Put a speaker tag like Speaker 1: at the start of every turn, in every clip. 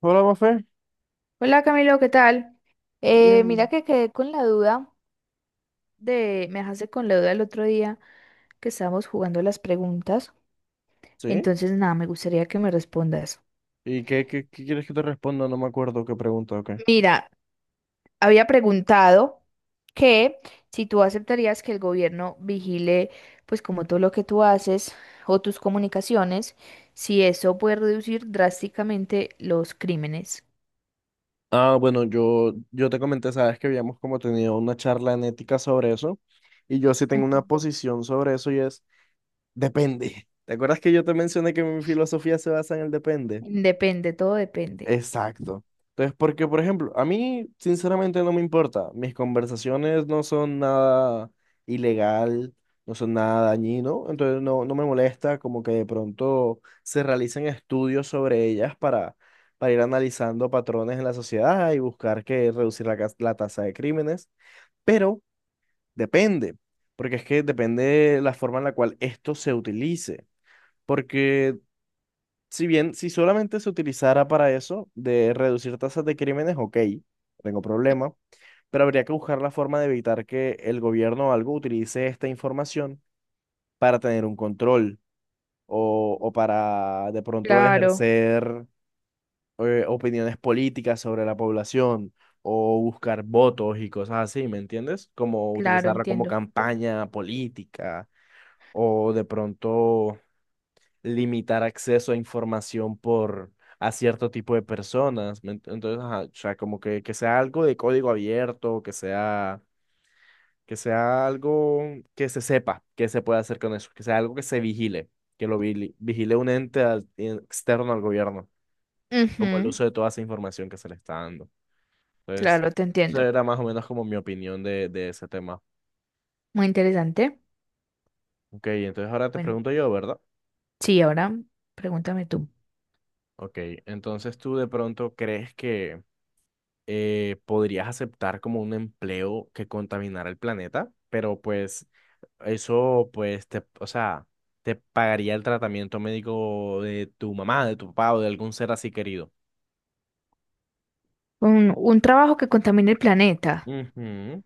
Speaker 1: Hola, Mafe.
Speaker 2: Hola Camilo, ¿qué tal? Mira
Speaker 1: Bien.
Speaker 2: que quedé con la duda me dejaste con la duda el otro día que estábamos jugando las preguntas,
Speaker 1: ¿Sí?
Speaker 2: entonces nada, me gustaría que me respondas.
Speaker 1: ¿Y qué quieres que te responda? No me acuerdo qué pregunta o qué.
Speaker 2: Mira, había preguntado que si tú aceptarías que el gobierno vigile pues como todo lo que tú haces o tus comunicaciones, si eso puede reducir drásticamente los crímenes.
Speaker 1: Ah, bueno, yo te comenté, sabes que habíamos como tenido una charla en ética sobre eso, y yo sí tengo una
Speaker 2: Ujú.
Speaker 1: posición sobre eso y es, depende. ¿Te acuerdas que yo te mencioné que mi filosofía se basa en el depende?
Speaker 2: Depende, todo depende.
Speaker 1: Exacto. Entonces, porque, por ejemplo, a mí sinceramente no me importa. Mis conversaciones no son nada ilegal, no son nada dañino, entonces no me molesta como que de pronto se realicen estudios sobre ellas para ir analizando patrones en la sociedad y buscar que reducir la, la tasa de crímenes. Pero depende, porque es que depende la forma en la cual esto se utilice. Porque si bien, si solamente se utilizara para eso, de reducir tasas de crímenes, ok, no tengo problema, pero habría que buscar la forma de evitar que el gobierno o algo utilice esta información para tener un control o para de pronto
Speaker 2: Claro,
Speaker 1: ejercer opiniones políticas sobre la población o buscar votos y cosas así, ¿me entiendes? Como
Speaker 2: claro,
Speaker 1: utilizarla como
Speaker 2: entiendo.
Speaker 1: campaña política o de pronto limitar acceso a información por a cierto tipo de personas. Entonces, ajá, o sea, como que sea algo de código abierto, que sea algo que se sepa que se puede hacer con eso, que sea algo que se vigile, que lo vigile un ente externo al gobierno, como el
Speaker 2: Ujú.
Speaker 1: uso de toda esa información que se le está dando. Entonces,
Speaker 2: Claro, te
Speaker 1: esa
Speaker 2: entiendo.
Speaker 1: era más o menos como mi opinión de ese tema.
Speaker 2: Muy interesante.
Speaker 1: Ok, entonces ahora te
Speaker 2: Bueno,
Speaker 1: pregunto yo, ¿verdad?
Speaker 2: sí, ahora pregúntame tú.
Speaker 1: Ok, entonces tú de pronto crees que podrías aceptar como un empleo que contaminara el planeta, pero pues eso, pues, te, o sea, te pagaría el tratamiento médico de tu mamá, de tu papá o de algún ser así querido.
Speaker 2: Un trabajo que contamine el planeta,
Speaker 1: Ujú.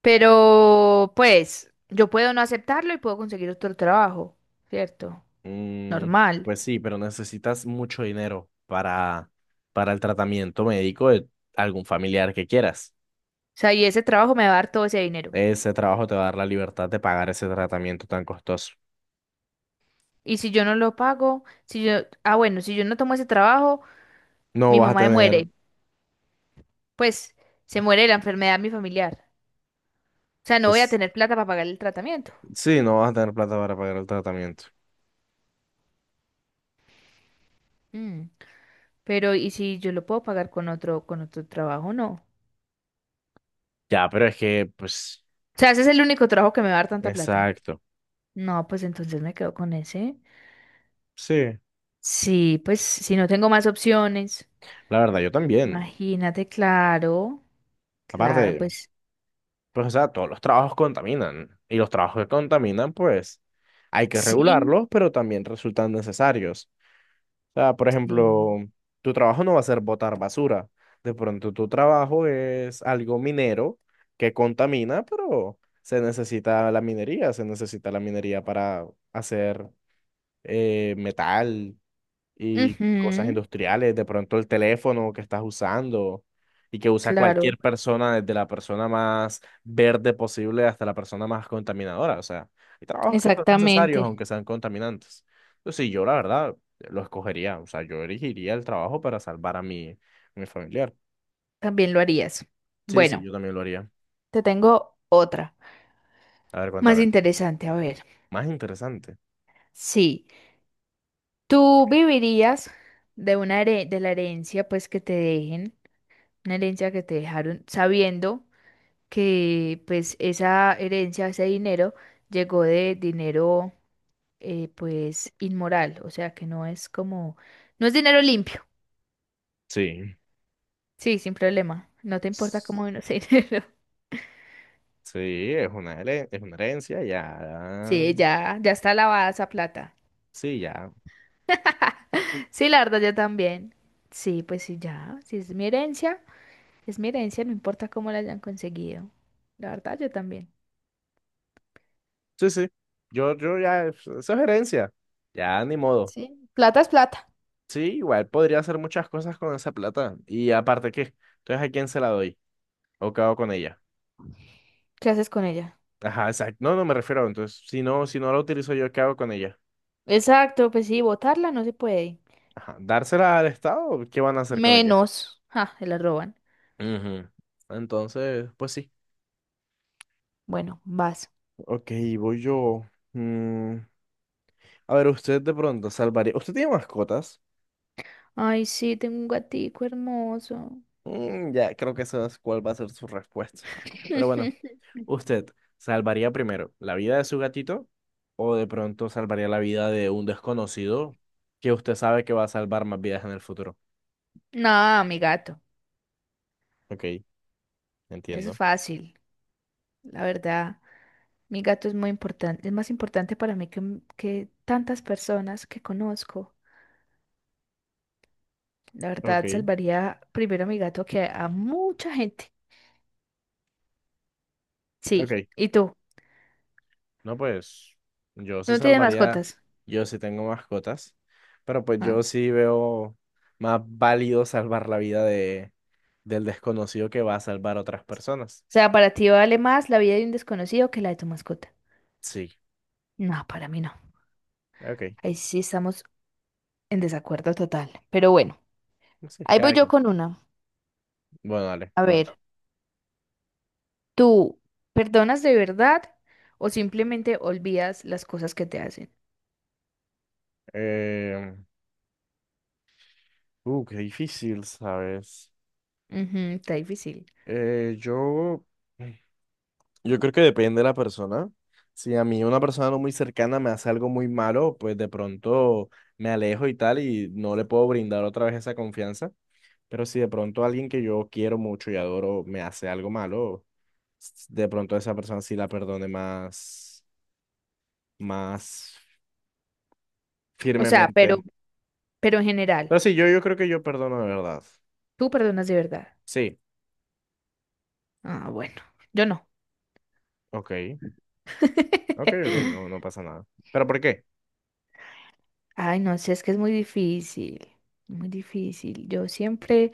Speaker 2: pero pues yo puedo no aceptarlo y puedo conseguir otro trabajo, ¿cierto?
Speaker 1: Mm,
Speaker 2: Normal.
Speaker 1: pues sí, pero necesitas mucho dinero para el tratamiento médico de algún familiar que quieras.
Speaker 2: O sea, y ese trabajo me va a dar todo ese dinero.
Speaker 1: Ese trabajo te va a dar la libertad de pagar ese tratamiento tan costoso.
Speaker 2: Y si yo no lo pago, si yo, ah, Bueno, si yo no tomo ese trabajo,
Speaker 1: No
Speaker 2: mi
Speaker 1: vas a
Speaker 2: mamá me
Speaker 1: tener,
Speaker 2: muere. Pues se muere de la enfermedad de mi familiar. O sea, no voy a
Speaker 1: pues,
Speaker 2: tener plata para pagar el tratamiento.
Speaker 1: sí, no vas a tener plata para pagar el tratamiento.
Speaker 2: Mm, pero, ¿y si yo lo puedo pagar con otro trabajo? No.
Speaker 1: Ya, pero es que, pues,
Speaker 2: O sea, ese es el único trabajo que me va a dar tanta plata.
Speaker 1: exacto.
Speaker 2: No, pues entonces me quedo con ese.
Speaker 1: Sí,
Speaker 2: Sí, pues si no tengo más opciones,
Speaker 1: la verdad, yo también.
Speaker 2: imagínate, claro, claro,
Speaker 1: Aparte,
Speaker 2: pues
Speaker 1: pues, o sea, todos los trabajos contaminan. Y los trabajos que contaminan, pues, hay que
Speaker 2: sí,
Speaker 1: regularlos, pero también resultan necesarios. O sea, por ejemplo,
Speaker 2: sí.
Speaker 1: tu trabajo no va a ser botar basura. De pronto, tu trabajo es algo minero que contamina, pero se necesita la minería. Se necesita la minería para hacer metal y cosas
Speaker 2: Ujú,
Speaker 1: industriales, de pronto el teléfono que estás usando y que usa
Speaker 2: claro,
Speaker 1: cualquier persona, desde la persona más verde posible hasta la persona más contaminadora. O sea, hay trabajos que son necesarios
Speaker 2: exactamente.
Speaker 1: aunque sean contaminantes. Entonces, sí, yo la verdad lo escogería. O sea, yo elegiría el trabajo para salvar a mi, mi familiar.
Speaker 2: También lo harías.
Speaker 1: Sí, sí,
Speaker 2: Bueno,
Speaker 1: yo también lo haría.
Speaker 2: te tengo otra,
Speaker 1: A ver,
Speaker 2: más
Speaker 1: cuéntame.
Speaker 2: interesante, a ver.
Speaker 1: Más interesante.
Speaker 2: Sí, tú vivirías de la herencia, pues que te dejen, una herencia que te dejaron sabiendo que pues esa herencia, ese dinero, llegó de dinero pues inmoral, o sea que no es como, no es dinero limpio,
Speaker 1: Sí.
Speaker 2: sí, sin problema, no te importa cómo vino ese dinero.
Speaker 1: Sí, es una, es una herencia, ya.
Speaker 2: Sí, ya, ya está lavada esa plata.
Speaker 1: Sí, ya.
Speaker 2: Sí, la verdad, yo también. Sí, pues sí, ya, si es mi herencia, es mi herencia, no importa cómo la hayan conseguido. La verdad, yo también.
Speaker 1: Sí, sí. Yo ya, eso es herencia. Ya, ni modo.
Speaker 2: Sí, plata es plata.
Speaker 1: Sí, igual podría hacer muchas cosas con esa plata. Y aparte, ¿qué? Entonces, ¿a quién se la doy? ¿O qué hago con ella?
Speaker 2: ¿Qué haces con ella?
Speaker 1: Ajá, exacto. No, no me refiero. Entonces, si no la utilizo yo, ¿qué hago con ella?
Speaker 2: Exacto, pues sí, botarla no se puede.
Speaker 1: Ajá. ¿Dársela al Estado? ¿O qué van a hacer con ella?
Speaker 2: Menos, ja, se la roban.
Speaker 1: Ujú. Entonces, pues sí.
Speaker 2: Bueno, vas.
Speaker 1: Ok, voy yo. Mm, A ver, usted de pronto salvaría. ¿Usted tiene mascotas?
Speaker 2: Ay, sí, tengo un gatico hermoso.
Speaker 1: Mm, ya, creo que esa es cuál va a ser su respuesta. Pero bueno. ¿Usted salvaría primero la vida de su gatito o de pronto salvaría la vida de un desconocido que usted sabe que va a salvar más vidas en el futuro?
Speaker 2: No, mi gato,
Speaker 1: Ok,
Speaker 2: es
Speaker 1: entiendo.
Speaker 2: fácil, la verdad. Mi gato es muy importante, es más importante para mí que, que tantas personas que conozco. La
Speaker 1: Ok,
Speaker 2: verdad, salvaría primero a mi gato que a mucha gente. Sí,
Speaker 1: ok.
Speaker 2: ¿y tú?
Speaker 1: No, pues yo sí
Speaker 2: ¿No tienes
Speaker 1: salvaría,
Speaker 2: mascotas?
Speaker 1: yo sí tengo mascotas, pero pues
Speaker 2: Ah.
Speaker 1: yo sí veo más válido salvar la vida de, del desconocido que va a salvar a otras personas.
Speaker 2: O sea, para ti vale más la vida de un desconocido que la de tu mascota.
Speaker 1: Sí,
Speaker 2: No, para mí no.
Speaker 1: ok.
Speaker 2: Ahí sí estamos en desacuerdo total. Pero bueno,
Speaker 1: Sí,
Speaker 2: ahí voy
Speaker 1: cada
Speaker 2: yo
Speaker 1: quien.
Speaker 2: con una.
Speaker 1: Bueno, dale,
Speaker 2: A ver.
Speaker 1: comenta.
Speaker 2: ¿Tú perdonas de verdad o simplemente olvidas las cosas que te hacen?
Speaker 1: Eh, qué difícil, ¿sabes?
Speaker 2: Ujú, está difícil.
Speaker 1: Eh, yo, yo creo que depende de la persona. Si a mí una persona no muy cercana me hace algo muy malo, pues de pronto me alejo y tal y no le puedo brindar otra vez esa confianza. Pero si de pronto alguien que yo quiero mucho y adoro me hace algo malo, de pronto esa persona sí la perdone más, más
Speaker 2: O sea,
Speaker 1: firmemente.
Speaker 2: pero en general,
Speaker 1: Pero sí, yo creo que yo perdono de verdad.
Speaker 2: ¿tú perdonas de verdad?
Speaker 1: Sí,
Speaker 2: Ah, bueno, yo no.
Speaker 1: ok, ok, ok, no, no pasa nada. ¿Pero por qué?
Speaker 2: Ay, no sé, es que es muy difícil, muy difícil. Yo siempre,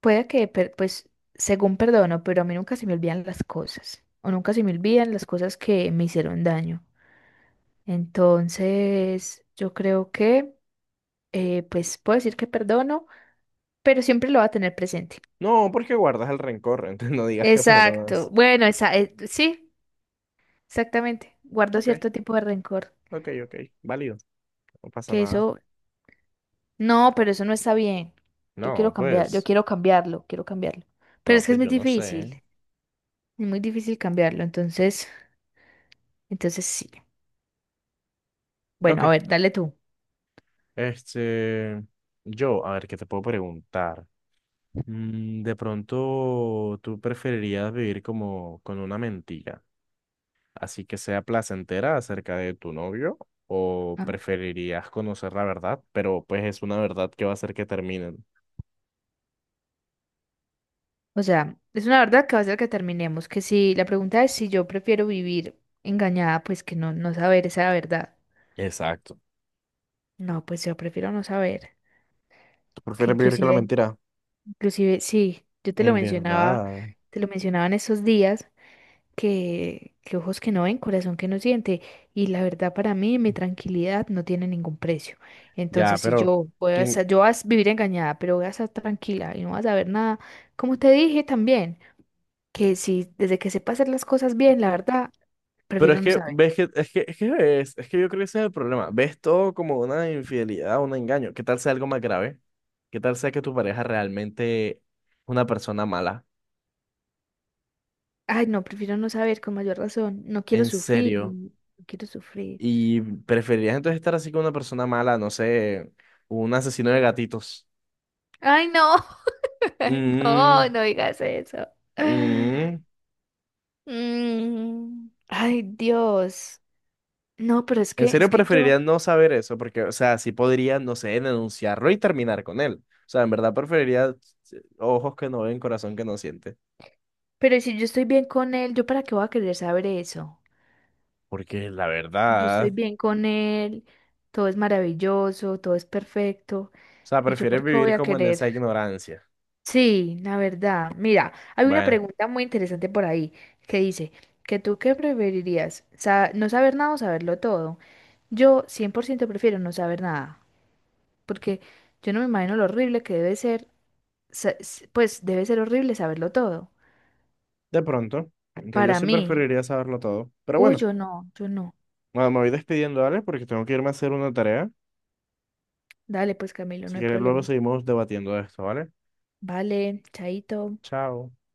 Speaker 2: puede que, pues, según perdono, pero a mí nunca se me olvidan las cosas, o nunca se me olvidan las cosas que me hicieron daño. Entonces, yo creo que, pues, puedo decir que perdono, pero siempre lo va a tener presente.
Speaker 1: No, porque guardas el rencor, entonces no digas que
Speaker 2: Exacto.
Speaker 1: perdonas.
Speaker 2: Bueno, sí, exactamente. Guardo
Speaker 1: Ok,
Speaker 2: cierto tipo de rencor.
Speaker 1: ok, ok, válido, no pasa
Speaker 2: Que
Speaker 1: nada.
Speaker 2: eso, no, pero eso no está bien. Yo
Speaker 1: No,
Speaker 2: quiero cambiar, yo
Speaker 1: pues,
Speaker 2: quiero cambiarlo, quiero cambiarlo. Pero
Speaker 1: no,
Speaker 2: es que
Speaker 1: pues yo no sé.
Speaker 2: es muy difícil cambiarlo. Entonces, entonces sí.
Speaker 1: Ok,
Speaker 2: Bueno, a ver, dale tú.
Speaker 1: este, yo, a ver, ¿qué te puedo preguntar? Mm, de pronto, ¿tú preferirías vivir como con una mentira, así que sea placentera acerca de tu novio, o
Speaker 2: Ah,
Speaker 1: preferirías conocer la verdad, pero pues es una verdad que va a hacer que terminen?
Speaker 2: o sea, es una verdad que va a ser que terminemos. Que si la pregunta es si yo prefiero vivir engañada, pues que no, no saber esa verdad.
Speaker 1: Exacto.
Speaker 2: No, pues yo prefiero no saber.
Speaker 1: ¿Tú
Speaker 2: Que
Speaker 1: prefieres vivir con la
Speaker 2: inclusive,
Speaker 1: mentira?
Speaker 2: inclusive, sí, yo
Speaker 1: En verdad.
Speaker 2: te lo mencionaba en esos días, que ojos que no ven, corazón que no siente. Y la verdad para mí, mi tranquilidad no tiene ningún precio.
Speaker 1: Ya,
Speaker 2: Entonces, si
Speaker 1: pero
Speaker 2: yo puedo
Speaker 1: ¿quién?
Speaker 2: estar- yo voy a vivir engañada, pero voy a estar tranquila y no vas a ver nada, como te dije también, que si desde que sepa hacer las cosas bien, la verdad,
Speaker 1: Pero
Speaker 2: prefiero
Speaker 1: es
Speaker 2: no
Speaker 1: que
Speaker 2: saber.
Speaker 1: ves que es que yo creo que ese es el problema. Ves todo como una infidelidad, un engaño. ¿Qué tal sea algo más grave? ¿Qué tal sea que tu pareja realmente es una persona mala?
Speaker 2: Ay, no, prefiero no saber con mayor razón. No quiero
Speaker 1: En
Speaker 2: sufrir,
Speaker 1: serio.
Speaker 2: no quiero sufrir.
Speaker 1: ¿Y preferirías entonces estar así con una persona mala, no sé, un asesino de gatitos?
Speaker 2: Ay, no, no,
Speaker 1: Mm,
Speaker 2: no digas eso.
Speaker 1: mm.
Speaker 2: Mm, ay, Dios. No, pero
Speaker 1: En serio
Speaker 2: es que yo,
Speaker 1: preferirías no saber eso, porque, o sea, sí podría, no sé, denunciarlo y terminar con él. O sea, en verdad preferiría ojos que no ven, corazón que no siente.
Speaker 2: pero si yo estoy bien con él, ¿yo para qué voy a querer saber eso?
Speaker 1: Porque la
Speaker 2: Yo estoy
Speaker 1: verdad, o
Speaker 2: bien con él, todo es maravilloso, todo es perfecto.
Speaker 1: sea,
Speaker 2: ¿Y yo
Speaker 1: prefieres
Speaker 2: por qué voy
Speaker 1: vivir
Speaker 2: a
Speaker 1: como en
Speaker 2: querer?
Speaker 1: esa ignorancia.
Speaker 2: Sí, la verdad. Mira, hay una
Speaker 1: Bueno,
Speaker 2: pregunta muy interesante por ahí que dice, ¿que tú qué preferirías? ¿No saber nada o saberlo todo? Yo 100% prefiero no saber nada, porque yo no me imagino lo horrible que debe ser pues debe ser horrible saberlo todo.
Speaker 1: de pronto, aunque yo
Speaker 2: Para
Speaker 1: sí
Speaker 2: mí,
Speaker 1: preferiría saberlo todo.
Speaker 2: uy, yo no, yo no.
Speaker 1: Bueno, me voy despidiendo, ¿vale? Porque tengo que irme a hacer una tarea.
Speaker 2: Dale, pues Camilo, no
Speaker 1: Si
Speaker 2: hay
Speaker 1: quieres, luego
Speaker 2: problema.
Speaker 1: seguimos debatiendo de esto, ¿vale?
Speaker 2: Vale, chaito.
Speaker 1: Chao.